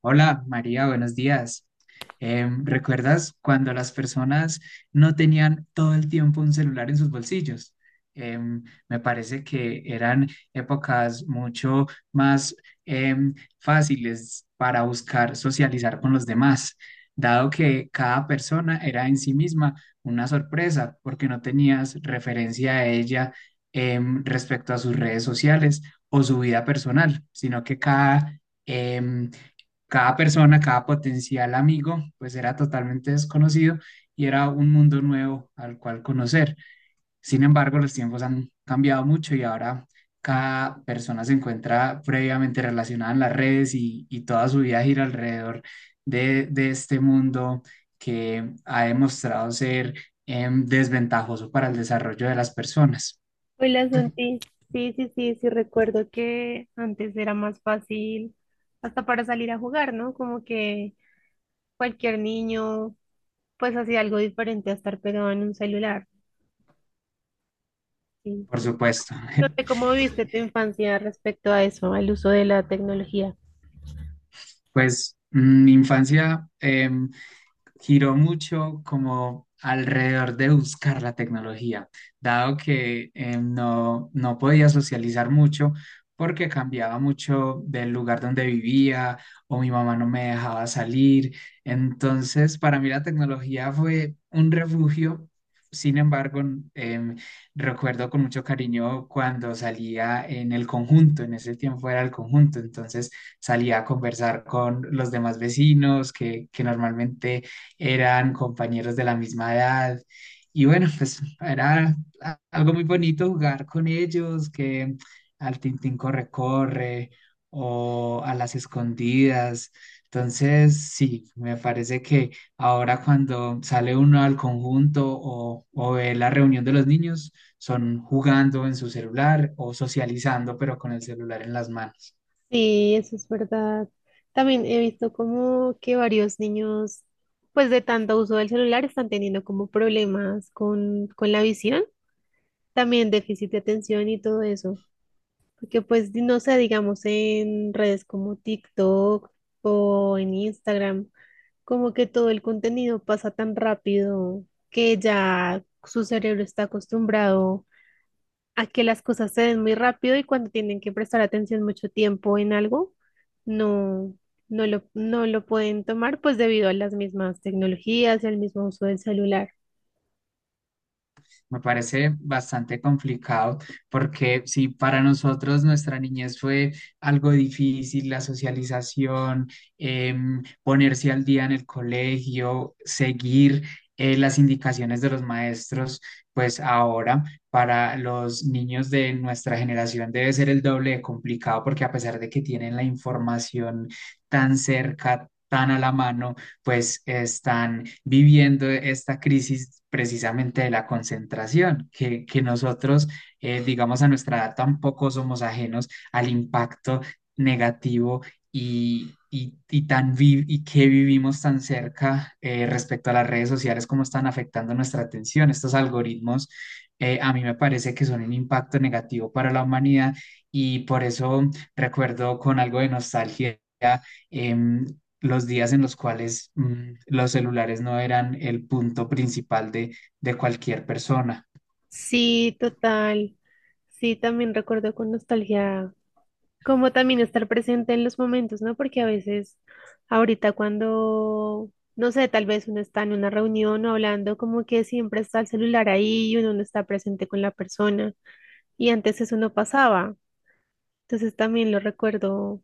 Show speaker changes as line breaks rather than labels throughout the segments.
Hola María, buenos días. ¿Recuerdas cuando las personas no tenían todo el tiempo un celular en sus bolsillos? Em, Me parece que eran épocas mucho más em, fáciles para buscar socializar con los demás, dado que cada persona era en sí misma una sorpresa porque no tenías referencia a ella, respecto a sus redes sociales o su vida personal, sino que em, cada persona, cada potencial amigo, pues era totalmente desconocido y era un mundo nuevo al cual conocer. Sin embargo, los tiempos han cambiado mucho y ahora cada persona se encuentra previamente relacionada en las redes y toda su vida gira alrededor de este mundo que ha demostrado ser desventajoso para el desarrollo de las personas,
Hola Santi, sí, sí, sí, sí recuerdo que antes era más fácil hasta para salir a jugar, ¿no? Como que cualquier niño pues hacía algo diferente a estar pegado en un celular. Sí.
por supuesto.
No sé cómo viviste tu infancia respecto a eso, al uso de la tecnología.
Pues mm, mi infancia, giró mucho como alrededor de buscar la tecnología, dado que no podía socializar mucho porque cambiaba mucho del lugar donde vivía o mi mamá no me dejaba salir. Entonces, para mí la tecnología fue un refugio. Sin embargo, em, recuerdo con mucho cariño cuando salía en el conjunto, en ese tiempo era el conjunto, entonces salía a conversar con los demás vecinos que normalmente eran compañeros de la misma edad. Y bueno, pues era algo muy bonito jugar con ellos, que al Tintín corre, corre o a las escondidas. Entonces, sí, me parece que ahora cuando sale uno al conjunto o ve la reunión de los niños, son jugando en su celular o socializando, pero con el celular en las manos.
Sí, eso es verdad. También he visto como que varios niños pues de tanto uso del celular están teniendo como problemas con la visión, también déficit de atención y todo eso. Porque pues, no sé, digamos en redes como TikTok o en Instagram, como que todo el contenido pasa tan rápido que ya su cerebro está acostumbrado a que las cosas se den muy rápido y cuando tienen que prestar atención mucho tiempo en algo, no, no lo pueden tomar pues debido a las mismas tecnologías y al mismo uso del celular.
Me parece bastante complicado porque si para nosotros nuestra niñez fue algo difícil, la socialización, ponerse al día en el colegio, seguir las indicaciones de los maestros, pues ahora para los niños de nuestra generación debe ser el doble de complicado porque a pesar de que tienen la información tan cerca, tan a la mano, pues están viviendo esta crisis precisamente de la concentración, que nosotros, digamos, a nuestra edad tampoco somos ajenos al impacto negativo y que vivimos tan cerca respecto a las redes sociales, cómo están afectando nuestra atención. Estos algoritmos, a mí me parece que son un impacto negativo para la humanidad y por eso recuerdo con algo de nostalgia. em, los días en los cuales los celulares no eran el punto principal de cualquier persona,
Sí, total. Sí, también recuerdo con nostalgia como también estar presente en los momentos, ¿no? Porque a veces ahorita cuando, no sé, tal vez uno está en una reunión o hablando, como que siempre está el celular ahí y uno no está presente con la persona. Y antes eso no pasaba. Entonces también lo recuerdo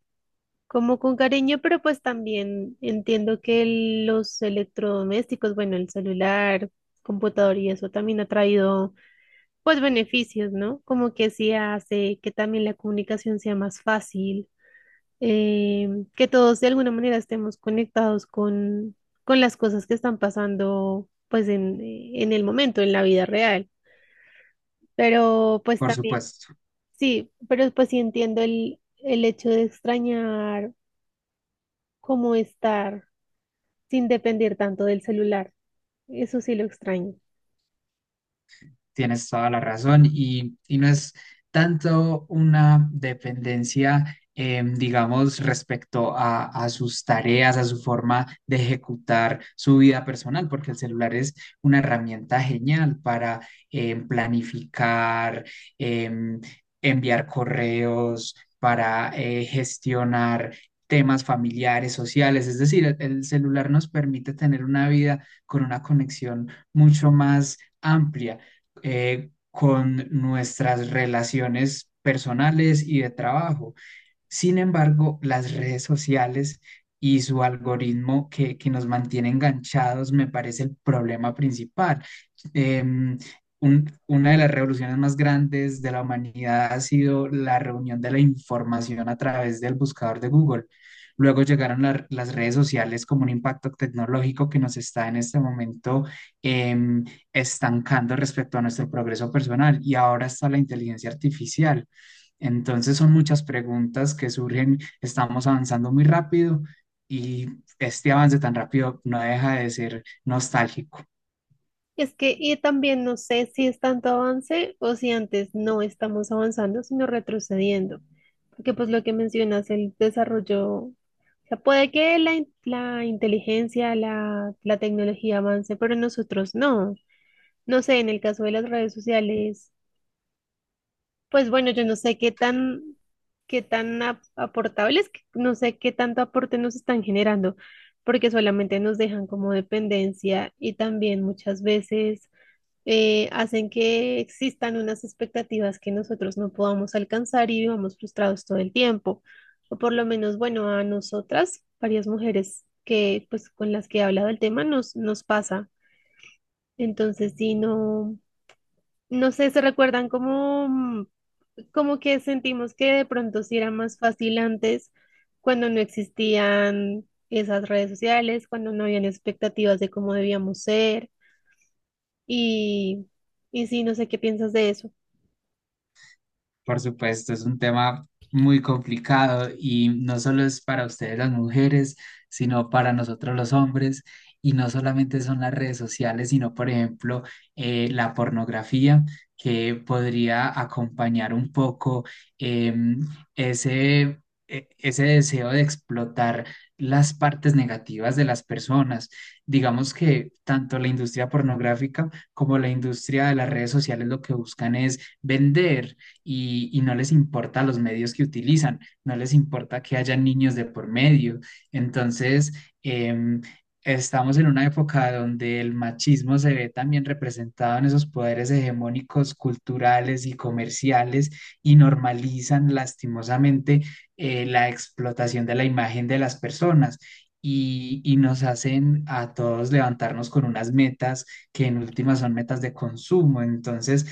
como con cariño, pero pues también entiendo que los electrodomésticos, bueno, el celular, computador y eso también ha traído pues beneficios, ¿no? Como que sí hace que también la comunicación sea más fácil eh, que todos de alguna manera estemos conectados con las cosas que están pasando pues en el momento, en la vida real. Pero pues
por
también,
supuesto.
sí, pero pues sí entiendo el hecho de extrañar cómo estar sin depender tanto del celular. Eso sí lo extraño.
Tienes toda la razón y no es tanto una dependencia, digamos, respecto a sus tareas, a su forma de ejecutar su vida personal, porque el celular es una herramienta genial para planificar, em, enviar correos, para gestionar temas familiares, sociales, es decir, el celular nos permite tener una vida con una conexión mucho más amplia, con nuestras relaciones personales y de trabajo. Sin embargo, las redes sociales y su algoritmo que nos mantiene enganchados me parece el problema principal. Em, una de las revoluciones más grandes de la humanidad ha sido la reunión de la información a través del buscador de Google. Luego llegaron las redes sociales como un impacto tecnológico que nos está en este momento em, estancando respecto a nuestro progreso personal. Y ahora está la inteligencia artificial, entonces son muchas preguntas que surgen, estamos avanzando muy rápido y este avance tan rápido no deja de ser nostálgico.
Es que, y también no sé si es tanto avance o si antes no estamos avanzando, sino retrocediendo. Porque pues lo que mencionas, el desarrollo, o sea, puede que la inteligencia, la tecnología avance, pero nosotros no. No sé, en el caso de las redes sociales, pues bueno, yo no sé qué tan, aportables, que- no sé qué tanto aporte nos están generando, porque solamente nos dejan como dependencia y también muchas veces hacen que existan unas expectativas que nosotros no podamos alcanzar y vivamos frustrados todo el tiempo. O por lo menos, bueno, a nosotras, varias mujeres que, pues, con las que he hablado el tema, nos pasa. Entonces, si no, no sé, se recuerdan como, como que sentimos que de pronto sí era más fácil antes, cuando no existían esas redes sociales, cuando no habían expectativas de cómo debíamos ser. Y, y sí, no sé qué piensas de eso.
Por supuesto, es un tema muy complicado y no solo es para ustedes las mujeres, sino para nosotros los hombres. Y no solamente son las redes sociales, sino, por ejemplo, la pornografía, que podría acompañar un poco, em, ese, ese deseo de explotar las partes negativas de las personas. Digamos que tanto la industria pornográfica como la industria de las redes sociales lo que buscan es vender y no les importa los medios que utilizan, no les importa que haya niños de por medio. Entonces, em, estamos en una época donde el machismo se ve también representado en esos poderes hegemónicos culturales y comerciales y normalizan lastimosamente la explotación de la imagen de las personas. Y nos hacen a todos levantarnos con unas metas que en últimas son metas de consumo. Entonces,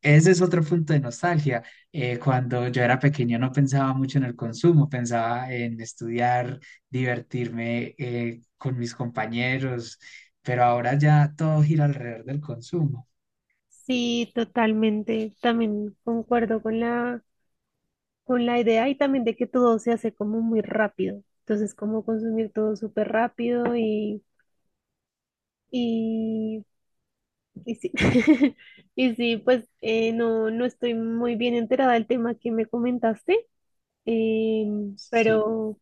ese es otro punto de nostalgia. Cuando yo era pequeño no pensaba mucho en el consumo, pensaba en estudiar, divertirme, con mis compañeros, pero ahora ya todo gira alrededor del consumo.
Sí, totalmente. También concuerdo con con la idea y también de que todo se hace como muy rápido. Entonces, como consumir todo súper rápido y, y sí. Y sí, pues no, no estoy muy bien enterada del tema que me comentaste, eh,
Sí.
pero,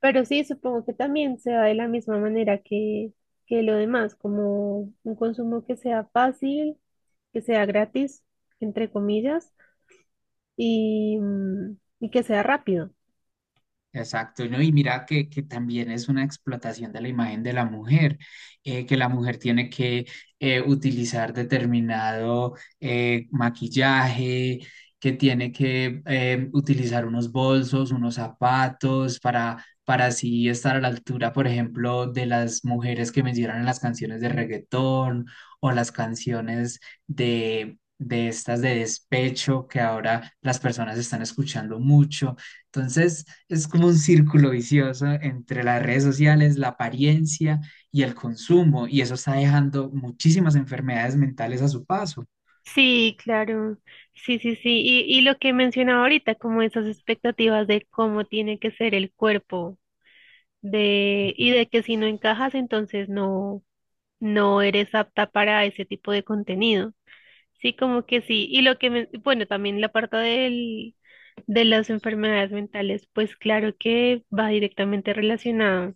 pero sí, supongo que también se da de la misma manera que lo demás, como un consumo que sea fácil, que sea gratis, entre comillas y, y que sea rápido.
Exacto, ¿no? Y mira que también es una explotación de la imagen de la mujer, que la mujer tiene que utilizar determinado maquillaje, que tiene que utilizar unos bolsos, unos zapatos para así estar a la altura, por ejemplo, de las mujeres que mencionan en las canciones de reggaetón o las canciones de estas de despecho que ahora las personas están escuchando mucho. Entonces, es como un círculo vicioso entre las redes sociales, la apariencia y el consumo, y eso está dejando muchísimas enfermedades mentales a su paso.
Sí, claro. Sí, sí, sí. Y lo que mencionaba ahorita, como esas expectativas de cómo tiene que ser el cuerpo, de, y de que si no encajas, entonces no, no eres apta para ese tipo de contenido. Sí, como que sí. Y lo que, bueno, también la parte del, de las enfermedades mentales, pues claro que va directamente relacionado,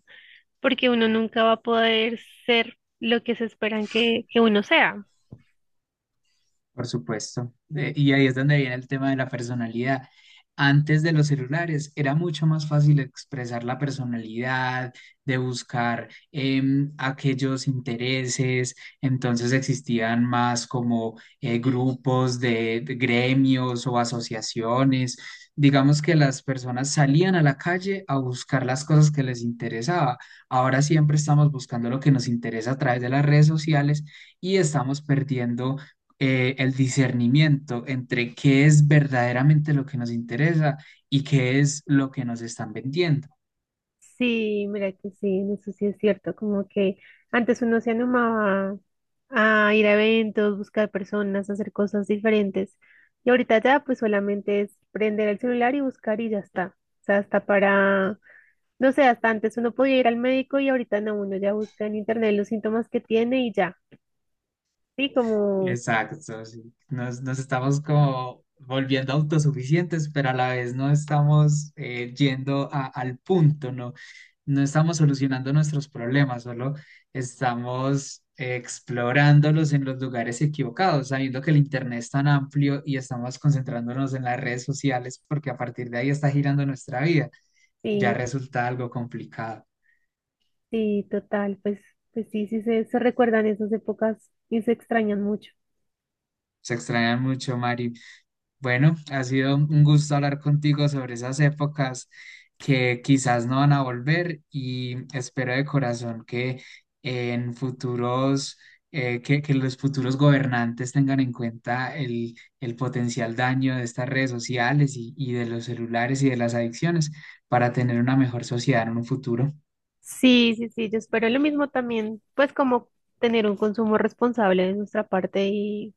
porque uno nunca va a poder ser lo que se esperan que uno sea.
Por supuesto. Y ahí es donde viene el tema de la personalidad. Antes de los celulares era mucho más fácil expresar la personalidad, de buscar aquellos intereses. Entonces existían más como grupos de gremios o asociaciones. Digamos que las personas salían a la calle a buscar las cosas que les interesaba. Ahora siempre estamos buscando lo que nos interesa a través de las redes sociales y estamos perdiendo el discernimiento entre qué es verdaderamente lo que nos interesa y qué es lo que nos están vendiendo.
Sí, mira que sí, en eso sí es cierto, como que antes uno se animaba a ir a eventos, buscar personas, hacer cosas diferentes. Y ahorita ya pues solamente es prender el celular y buscar y ya está. O sea, hasta para, no sé, hasta antes uno podía ir al médico y ahorita no, uno ya busca en internet los síntomas que tiene y ya. Sí, como,
Exacto, sí. Nos estamos como volviendo autosuficientes, pero a la vez no estamos yendo al punto, ¿no? No estamos solucionando nuestros problemas, solo estamos, explorándolos en los lugares equivocados, sabiendo que el Internet es tan amplio y estamos concentrándonos en las redes sociales porque a partir de ahí está girando nuestra vida, ya
sí,
resulta algo complicado.
sí, total, pues, pues sí, se recuerdan esas épocas y se extrañan mucho.
Se extrañan mucho, Mari. Bueno, ha sido un gusto hablar contigo sobre esas épocas que quizás no van a volver y espero de corazón que en futuros, que los futuros gobernantes tengan en cuenta el potencial daño de estas redes sociales y de los celulares y de las adicciones para tener una mejor sociedad en un futuro.
Sí, sí, sí, yo espero lo mismo también, pues como tener un consumo responsable de nuestra parte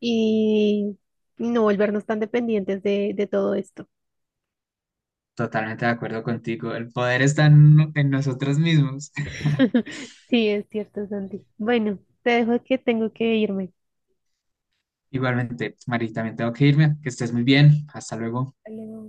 y no volvernos tan dependientes de todo esto.
Totalmente de acuerdo contigo. El poder está en nosotros mismos.
Sí, es cierto, Santi. Bueno, te dejo que tengo que irme.
Igualmente, Mari, también tengo que irme. Que estés muy bien. Hasta luego.
Hasta luego.